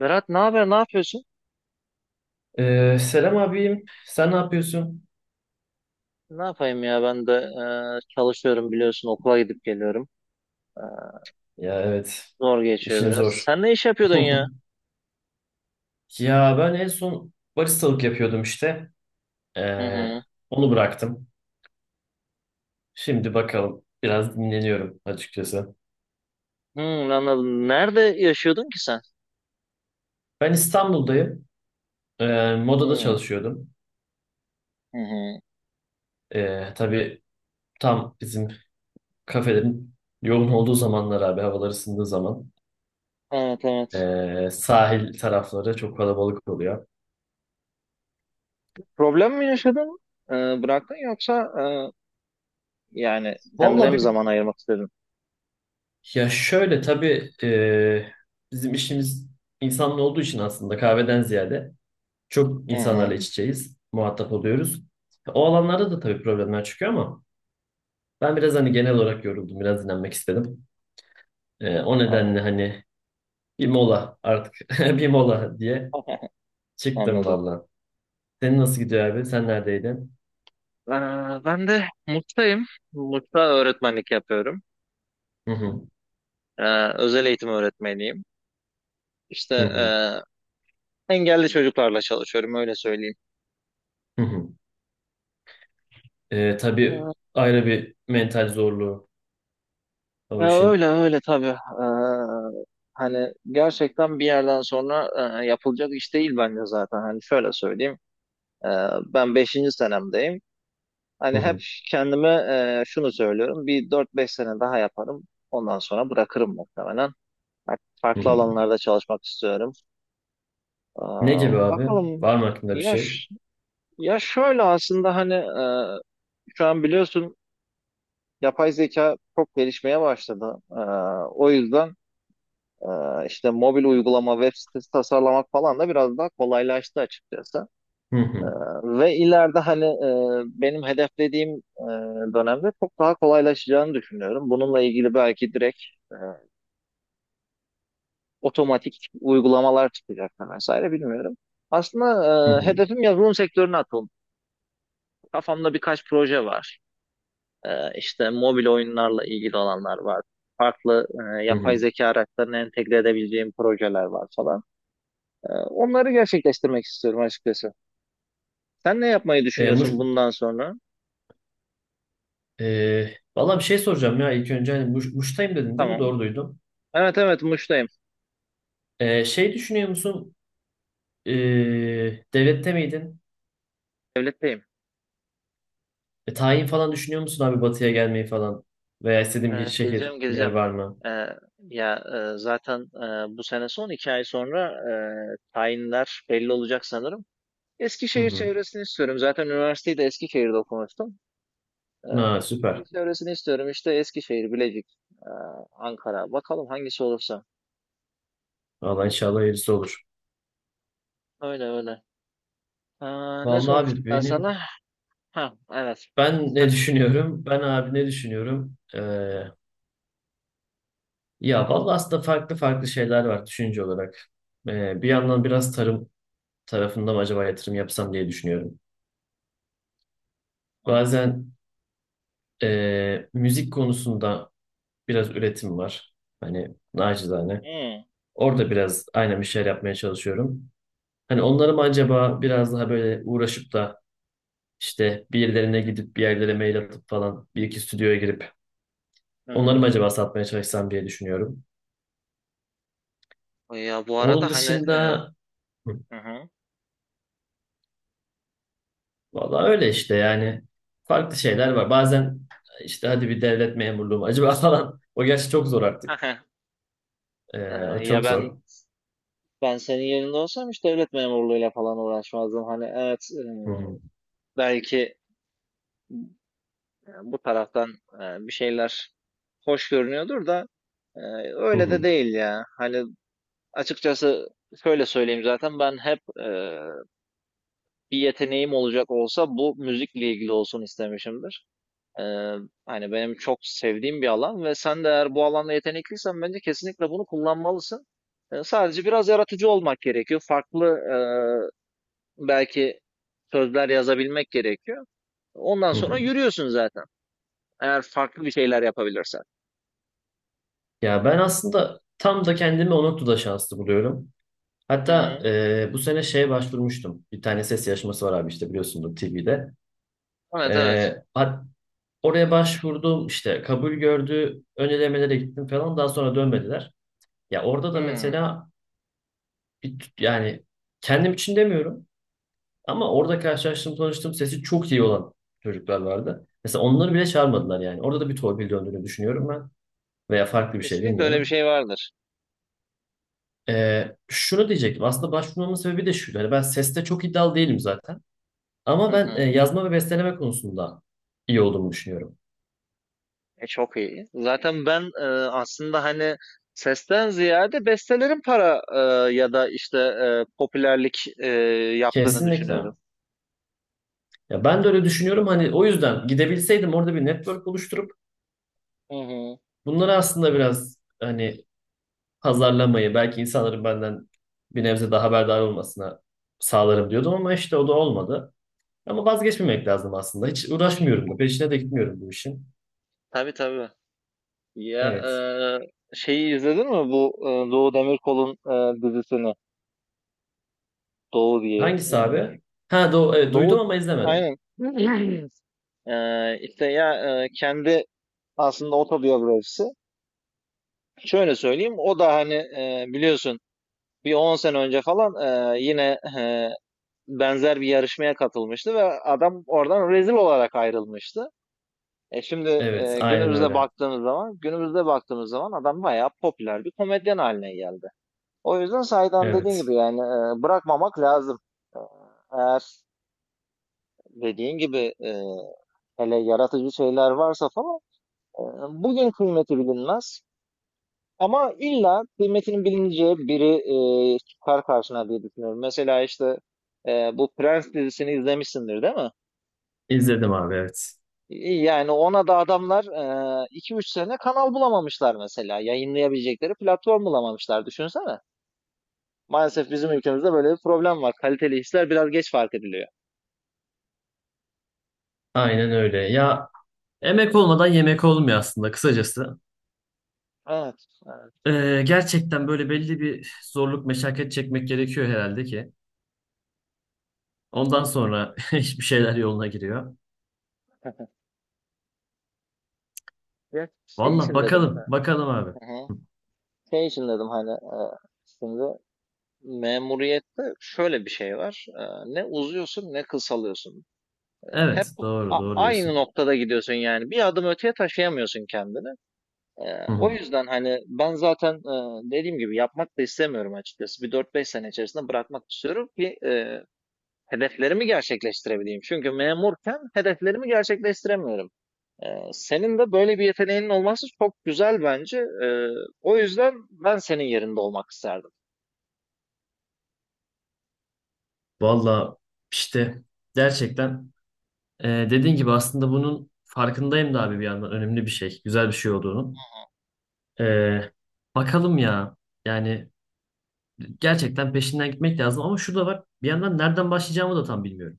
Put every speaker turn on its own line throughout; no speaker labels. Berat, ne haber? Ne yapıyorsun?
Selam abim. Sen ne yapıyorsun?
Ne yapayım ya, ben de çalışıyorum, biliyorsun, okula gidip geliyorum. E,
Ya, evet.
Zor geçiyor
işin
biraz.
zor.
Sen ne iş yapıyordun ya?
Ya ben en son baristalık yapıyordum işte.
Hı
Ee,
hı.
Onu bıraktım. Şimdi bakalım. Biraz dinleniyorum açıkçası.
Hı, anladım. Nerede yaşıyordun ki sen?
Ben İstanbul'dayım. Modada
Hı
çalışıyordum.
hı. Hı.
Tabii tam bizim kafelerin yoğun olduğu zamanlar abi, havalar ısındığı zaman.
Evet, evet.
Sahil tarafları çok kalabalık oluyor.
Problem mi yaşadın? E, Bıraktın yoksa yani kendine
Vallahi
mi
bir
zaman ayırmak istedin?
Ya şöyle tabii e, Bizim işimiz insanla olduğu için, aslında kahveden ziyade çok
Hı
insanlarla
hı.
iç içeyiz, muhatap oluyoruz. O alanlarda da tabii problemler çıkıyor, ama ben biraz hani genel olarak yoruldum, biraz dinlenmek istedim. O
An-
nedenle hani bir mola artık, bir mola diye çıktım
Anladım.
valla. Senin nasıl gidiyor abi? Sen neredeydin?
E, Ben de Mut'tayım. Mut'ta öğretmenlik yapıyorum.
Hı hı,
E, Özel eğitim öğretmeniyim. İşte
hı hı,
engelli çocuklarla çalışıyorum, öyle söyleyeyim.
hı hı. Tabii
Ee,
ayrı bir mental zorluğu o
Ya,
işin.
öyle öyle tabii. Hani gerçekten bir yerden sonra yapılacak iş değil bence zaten. Hani şöyle söyleyeyim. Ee, Ben beşinci senemdeyim.
Hı
Hani hep
hı,
kendime şunu söylüyorum. Bir 4-5 sene daha yaparım. Ondan sonra bırakırım muhtemelen. Artık
hı
farklı
hı.
alanlarda çalışmak istiyorum. Ee,
Ne gibi abi?
Bakalım.
Var mı aklında bir
Ya,
şey?
şöyle aslında, hani, şu an biliyorsun, yapay zeka çok gelişmeye başladı. O yüzden, işte, mobil uygulama, web sitesi tasarlamak falan da biraz daha kolaylaştı açıkçası.
Hı
Ee,
hı.
Ve ileride, hani, benim hedeflediğim dönemde çok daha kolaylaşacağını düşünüyorum. Bununla ilgili belki direkt e, otomatik uygulamalar çıkacak da vesaire, bilmiyorum. Aslında
Hı hı.
hedefim yazılım sektörüne atılmak. Kafamda birkaç proje var. İşte mobil oyunlarla ilgili olanlar var. Farklı
Hı
yapay
hı.
zeka araçlarını entegre edebileceğim projeler var falan. Onları gerçekleştirmek istiyorum açıkçası. Sen ne yapmayı
E, Muş,
düşünüyorsun bundan sonra?
valla bir şey soracağım ya, ilk önce hani Muş, Muş'tayım dedin değil mi?
Tamam.
Doğru duydum.
Evet, evet, Muş'tayım.
Şey düşünüyor musun? E, Devlette miydin?
Devletteyim.
Tayin falan düşünüyor musun abi, Batı'ya gelmeyi falan? Veya istediğin bir şehir,
Geleceğim,
bir yer
geleceğim.
var mı?
Ee, Ya, zaten, bu sene son 2 ay sonra, tayinler belli olacak sanırım.
Hı
Eskişehir
hı.
çevresini istiyorum. Zaten üniversiteyi de Eskişehir'de okumuştum.
Ha, süper.
Çevresini istiyorum, işte Eskişehir, Bilecik, ee, Ankara. Bakalım hangisi olursa.
Valla inşallah hayırlısı olur.
Öyle öyle. Aa, ne
Vallahi
sormuştum
abi
ben
benim
sana? Ha, evet.
ben
Sen
ne
ne düşünüyorsun?
düşünüyorum? Ben abi ne düşünüyorum? Ya vallahi aslında farklı farklı şeyler var düşünce olarak. Bir yandan biraz tarım tarafında mı acaba yatırım yapsam diye düşünüyorum.
Mantık.
Bazen müzik konusunda biraz üretim var. Hani nacizane.
Hı,
Orada biraz aynen bir şeyler yapmaya çalışıyorum. Hani onları mı acaba biraz daha böyle uğraşıp da işte bir yerlerine gidip, bir yerlere mail atıp falan, bir iki stüdyoya girip
hı
onları mı acaba satmaya çalışsam diye düşünüyorum.
hı. Ya, bu
Onun
arada hani
dışında hı,
hı hı.
vallahi öyle işte, yani farklı şeyler var. Bazen işte hadi bir devlet memurluğu mu acaba falan. O gerçi çok zor artık.
Ee,
O
Ya,
çok
ben
zor.
ben senin yerinde olsam hiç devlet memurluğuyla falan uğraşmazdım. Hani evet,
Hı hı,
belki bu taraftan bir şeyler hoş görünüyordur da, e,
hı
öyle de
hı,
değil ya. Hani, açıkçası, şöyle söyleyeyim, zaten ben hep bir yeteneğim olacak olsa bu müzikle ilgili olsun istemişimdir. E, Hani benim çok sevdiğim bir alan ve sen de eğer bu alanda yetenekliysen bence kesinlikle bunu kullanmalısın. Sadece biraz yaratıcı olmak gerekiyor. Farklı belki sözler yazabilmek gerekiyor. Ondan
hı
sonra
hı.
yürüyorsun zaten, eğer farklı bir şeyler yapabilirsen.
Ya ben aslında tam da kendimi o noktada şanslı buluyorum.
Hı
Hatta
hı.
bu sene şeye başvurmuştum. Bir tane ses yarışması var abi, işte biliyorsundur TV'de.
Evet,
E,
evet.
hat- Oraya başvurdum, işte kabul gördü. Ön elemelere gittim falan, daha sonra dönmediler. Ya orada da
Hı.
mesela yani kendim için demiyorum, ama orada karşılaştığım, tanıştığım, sesi çok iyi olan çocuklar vardı. Mesela onları bile çağırmadılar yani. Orada da bir torpil döndüğünü düşünüyorum ben. Veya farklı bir şey,
Kesinlikle öyle bir
bilmiyorum.
şey vardır.
Şunu diyecektim. Aslında başvurmamın sebebi de şuydu. Hani ben seste çok iddialı değilim zaten. Ama
Hı
ben
hı.
yazma ve besteleme konusunda iyi olduğumu düşünüyorum.
Çok iyi. Zaten ben, aslında hani, sesten ziyade bestelerin para ya da işte popülerlik yaptığını
Kesinlikle.
düşünüyorum.
Ya ben de öyle düşünüyorum. Hani o yüzden gidebilseydim, orada bir network oluşturup
Hı hı.
bunları aslında biraz hani pazarlamayı, belki insanların benden bir nebze daha haberdar olmasına sağlarım diyordum, ama işte o da olmadı. Ama vazgeçmemek lazım aslında. Hiç uğraşmıyorum da. Peşine de gitmiyorum bu işin.
Tabii tabii. Ya,
Evet.
şeyi izledin mi, bu Doğu Demirkol'un dizisini? Doğu diye.
Hangisi abi? Duydum
Doğu,
ama izlemedim.
aynen. E, işte ya, kendi aslında otobiyografisi. Şöyle söyleyeyim, o da hani biliyorsun, bir 10 sene önce falan yine benzer bir yarışmaya katılmıştı ve adam oradan rezil olarak ayrılmıştı. Şimdi
Evet, aynen öyle.
günümüzde baktığımız zaman adam bayağı popüler bir komedyen haline geldi. O yüzden Saydan, dediğin
Evet.
gibi, yani, bırakmamak lazım. E, Eğer dediğin gibi, hele yaratıcı şeyler varsa falan, e, bugün kıymeti bilinmez. Ama illa kıymetinin bilineceği biri çıkar karşına diye düşünüyorum. Mesela işte, bu Prens dizisini izlemişsindir değil mi?
İzledim abi, evet.
İyi. Yani ona da adamlar 2-3 sene kanal bulamamışlar mesela. Yayınlayabilecekleri platform bulamamışlar. Düşünsene. Maalesef bizim ülkemizde böyle bir problem var. Kaliteli işler biraz geç fark ediliyor.
Aynen öyle. Ya emek olmadan yemek olmuyor aslında, kısacası.
Evet. Evet.
Gerçekten böyle belli bir zorluk, meşakkat çekmek gerekiyor herhalde ki. Ondan sonra hiçbir şeyler yoluna giriyor.
Ya, şey
Valla
için dedim.
bakalım, bakalım abi.
Hı hı. Şey için dedim, hani, şimdi memuriyette şöyle bir şey var. Ne uzuyorsun ne kısalıyorsun. Hep
Evet, doğru, doğru
aynı
diyorsun.
noktada gidiyorsun yani. Bir adım öteye taşıyamıyorsun kendini.
Hı
O
hı.
yüzden hani ben zaten, dediğim gibi, yapmak da istemiyorum açıkçası. Bir 4-5 sene içerisinde bırakmak istiyorum ki hedeflerimi gerçekleştirebileyim. Çünkü memurken hedeflerimi gerçekleştiremiyorum. Ee, Senin de böyle bir yeteneğinin olması çok güzel bence. Ee, O yüzden ben senin yerinde olmak isterdim.
Valla işte gerçekten dediğin gibi aslında bunun farkındayım da abi, bir yandan önemli bir şey, güzel bir şey olduğunu. Ee, Bakalım ya. Yani gerçekten peşinden gitmek lazım, ama şu var. Bir yandan nereden başlayacağımı da tam bilmiyorum.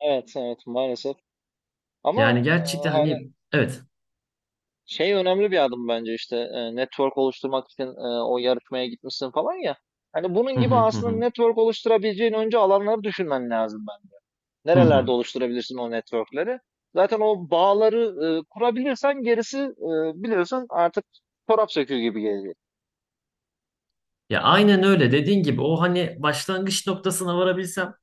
Evet, evet maalesef. Ama
Yani gerçekten hani,
hani,
evet.
şey önemli bir adım bence, işte network oluşturmak için o yarışmaya gitmişsin falan ya. Hani bunun
Hı
gibi
hı, hı
aslında
hı.
network oluşturabileceğin önce alanları düşünmen lazım ben.
Hı
Nerelerde
hı.
oluşturabilirsin o networkleri? Zaten o bağları kurabilirsen gerisi, biliyorsun artık, çorap söküğü gibi gelecek.
Ya aynen öyle, dediğin gibi o hani başlangıç noktasına varabilsem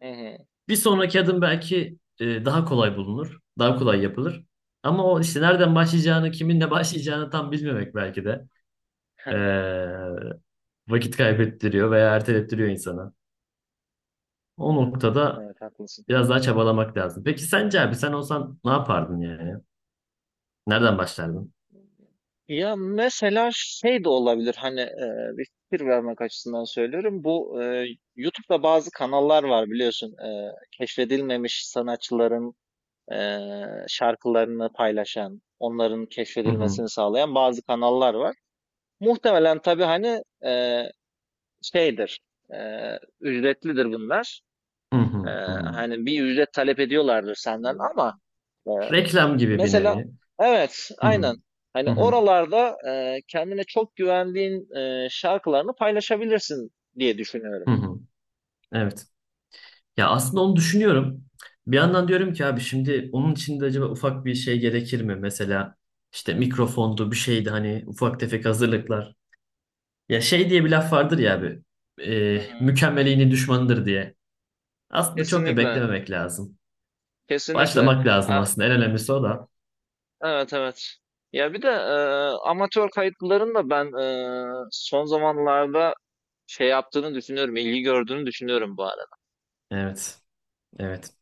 Hı hı.
bir sonraki adım belki daha kolay bulunur. Daha kolay yapılır. Ama o işte nereden başlayacağını, kiminle başlayacağını tam bilmemek belki de ee, vakit kaybettiriyor veya ertelettiriyor insana. O
Evet,
noktada
evet, haklısın.
biraz daha çabalamak lazım. Peki sence abi, sen olsan ne yapardın yani? Nereden başlardın?
Ya, mesela şey de olabilir, hani, bir fikir vermek açısından söylüyorum. Bu YouTube'da bazı kanallar var, biliyorsun. Keşfedilmemiş sanatçıların e, şarkılarını paylaşan, onların
Hı hı.
keşfedilmesini sağlayan bazı kanallar var. Muhtemelen tabii, hani, şeydir, e, ücretlidir bunlar.
Hı hı.
E,
Hı hı.
Hani bir ücret talep ediyorlardır senden ama.
Reklam gibi bir
Mesela
nevi.
evet,
Hı hı.
aynen. Hani
Hı hı.
oralarda kendine çok güvendiğin şarkılarını paylaşabilirsin diye düşünüyorum.
Hı hı. Evet. Ya aslında onu düşünüyorum. Bir yandan diyorum ki abi, şimdi onun için de acaba ufak bir şey gerekir mi? Mesela işte mikrofondu, bir şeydi, hani ufak tefek hazırlıklar. Ya şey diye bir laf vardır ya abi.
Hı hı.
Mükemmeliğinin düşmanıdır diye. Aslında çok da
Kesinlikle,
beklememek lazım.
kesinlikle.
Başlamak lazım
A-
aslında. En önemlisi o da.
evet, evet. Ya bir de amatör kayıtların da ben son zamanlarda şey yaptığını düşünüyorum, ilgi gördüğünü düşünüyorum bu arada.
Evet. Evet.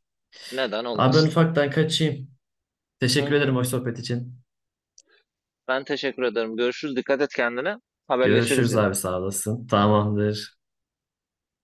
Neden
Abi ben
olmasın?
ufaktan kaçayım.
Hı
Teşekkür ederim
hı.
hoş sohbet için.
Ben teşekkür ederim. Görüşürüz. Dikkat et kendine. Haberleşiriz
Görüşürüz
yine.
abi, sağ olasın. Tamamdır.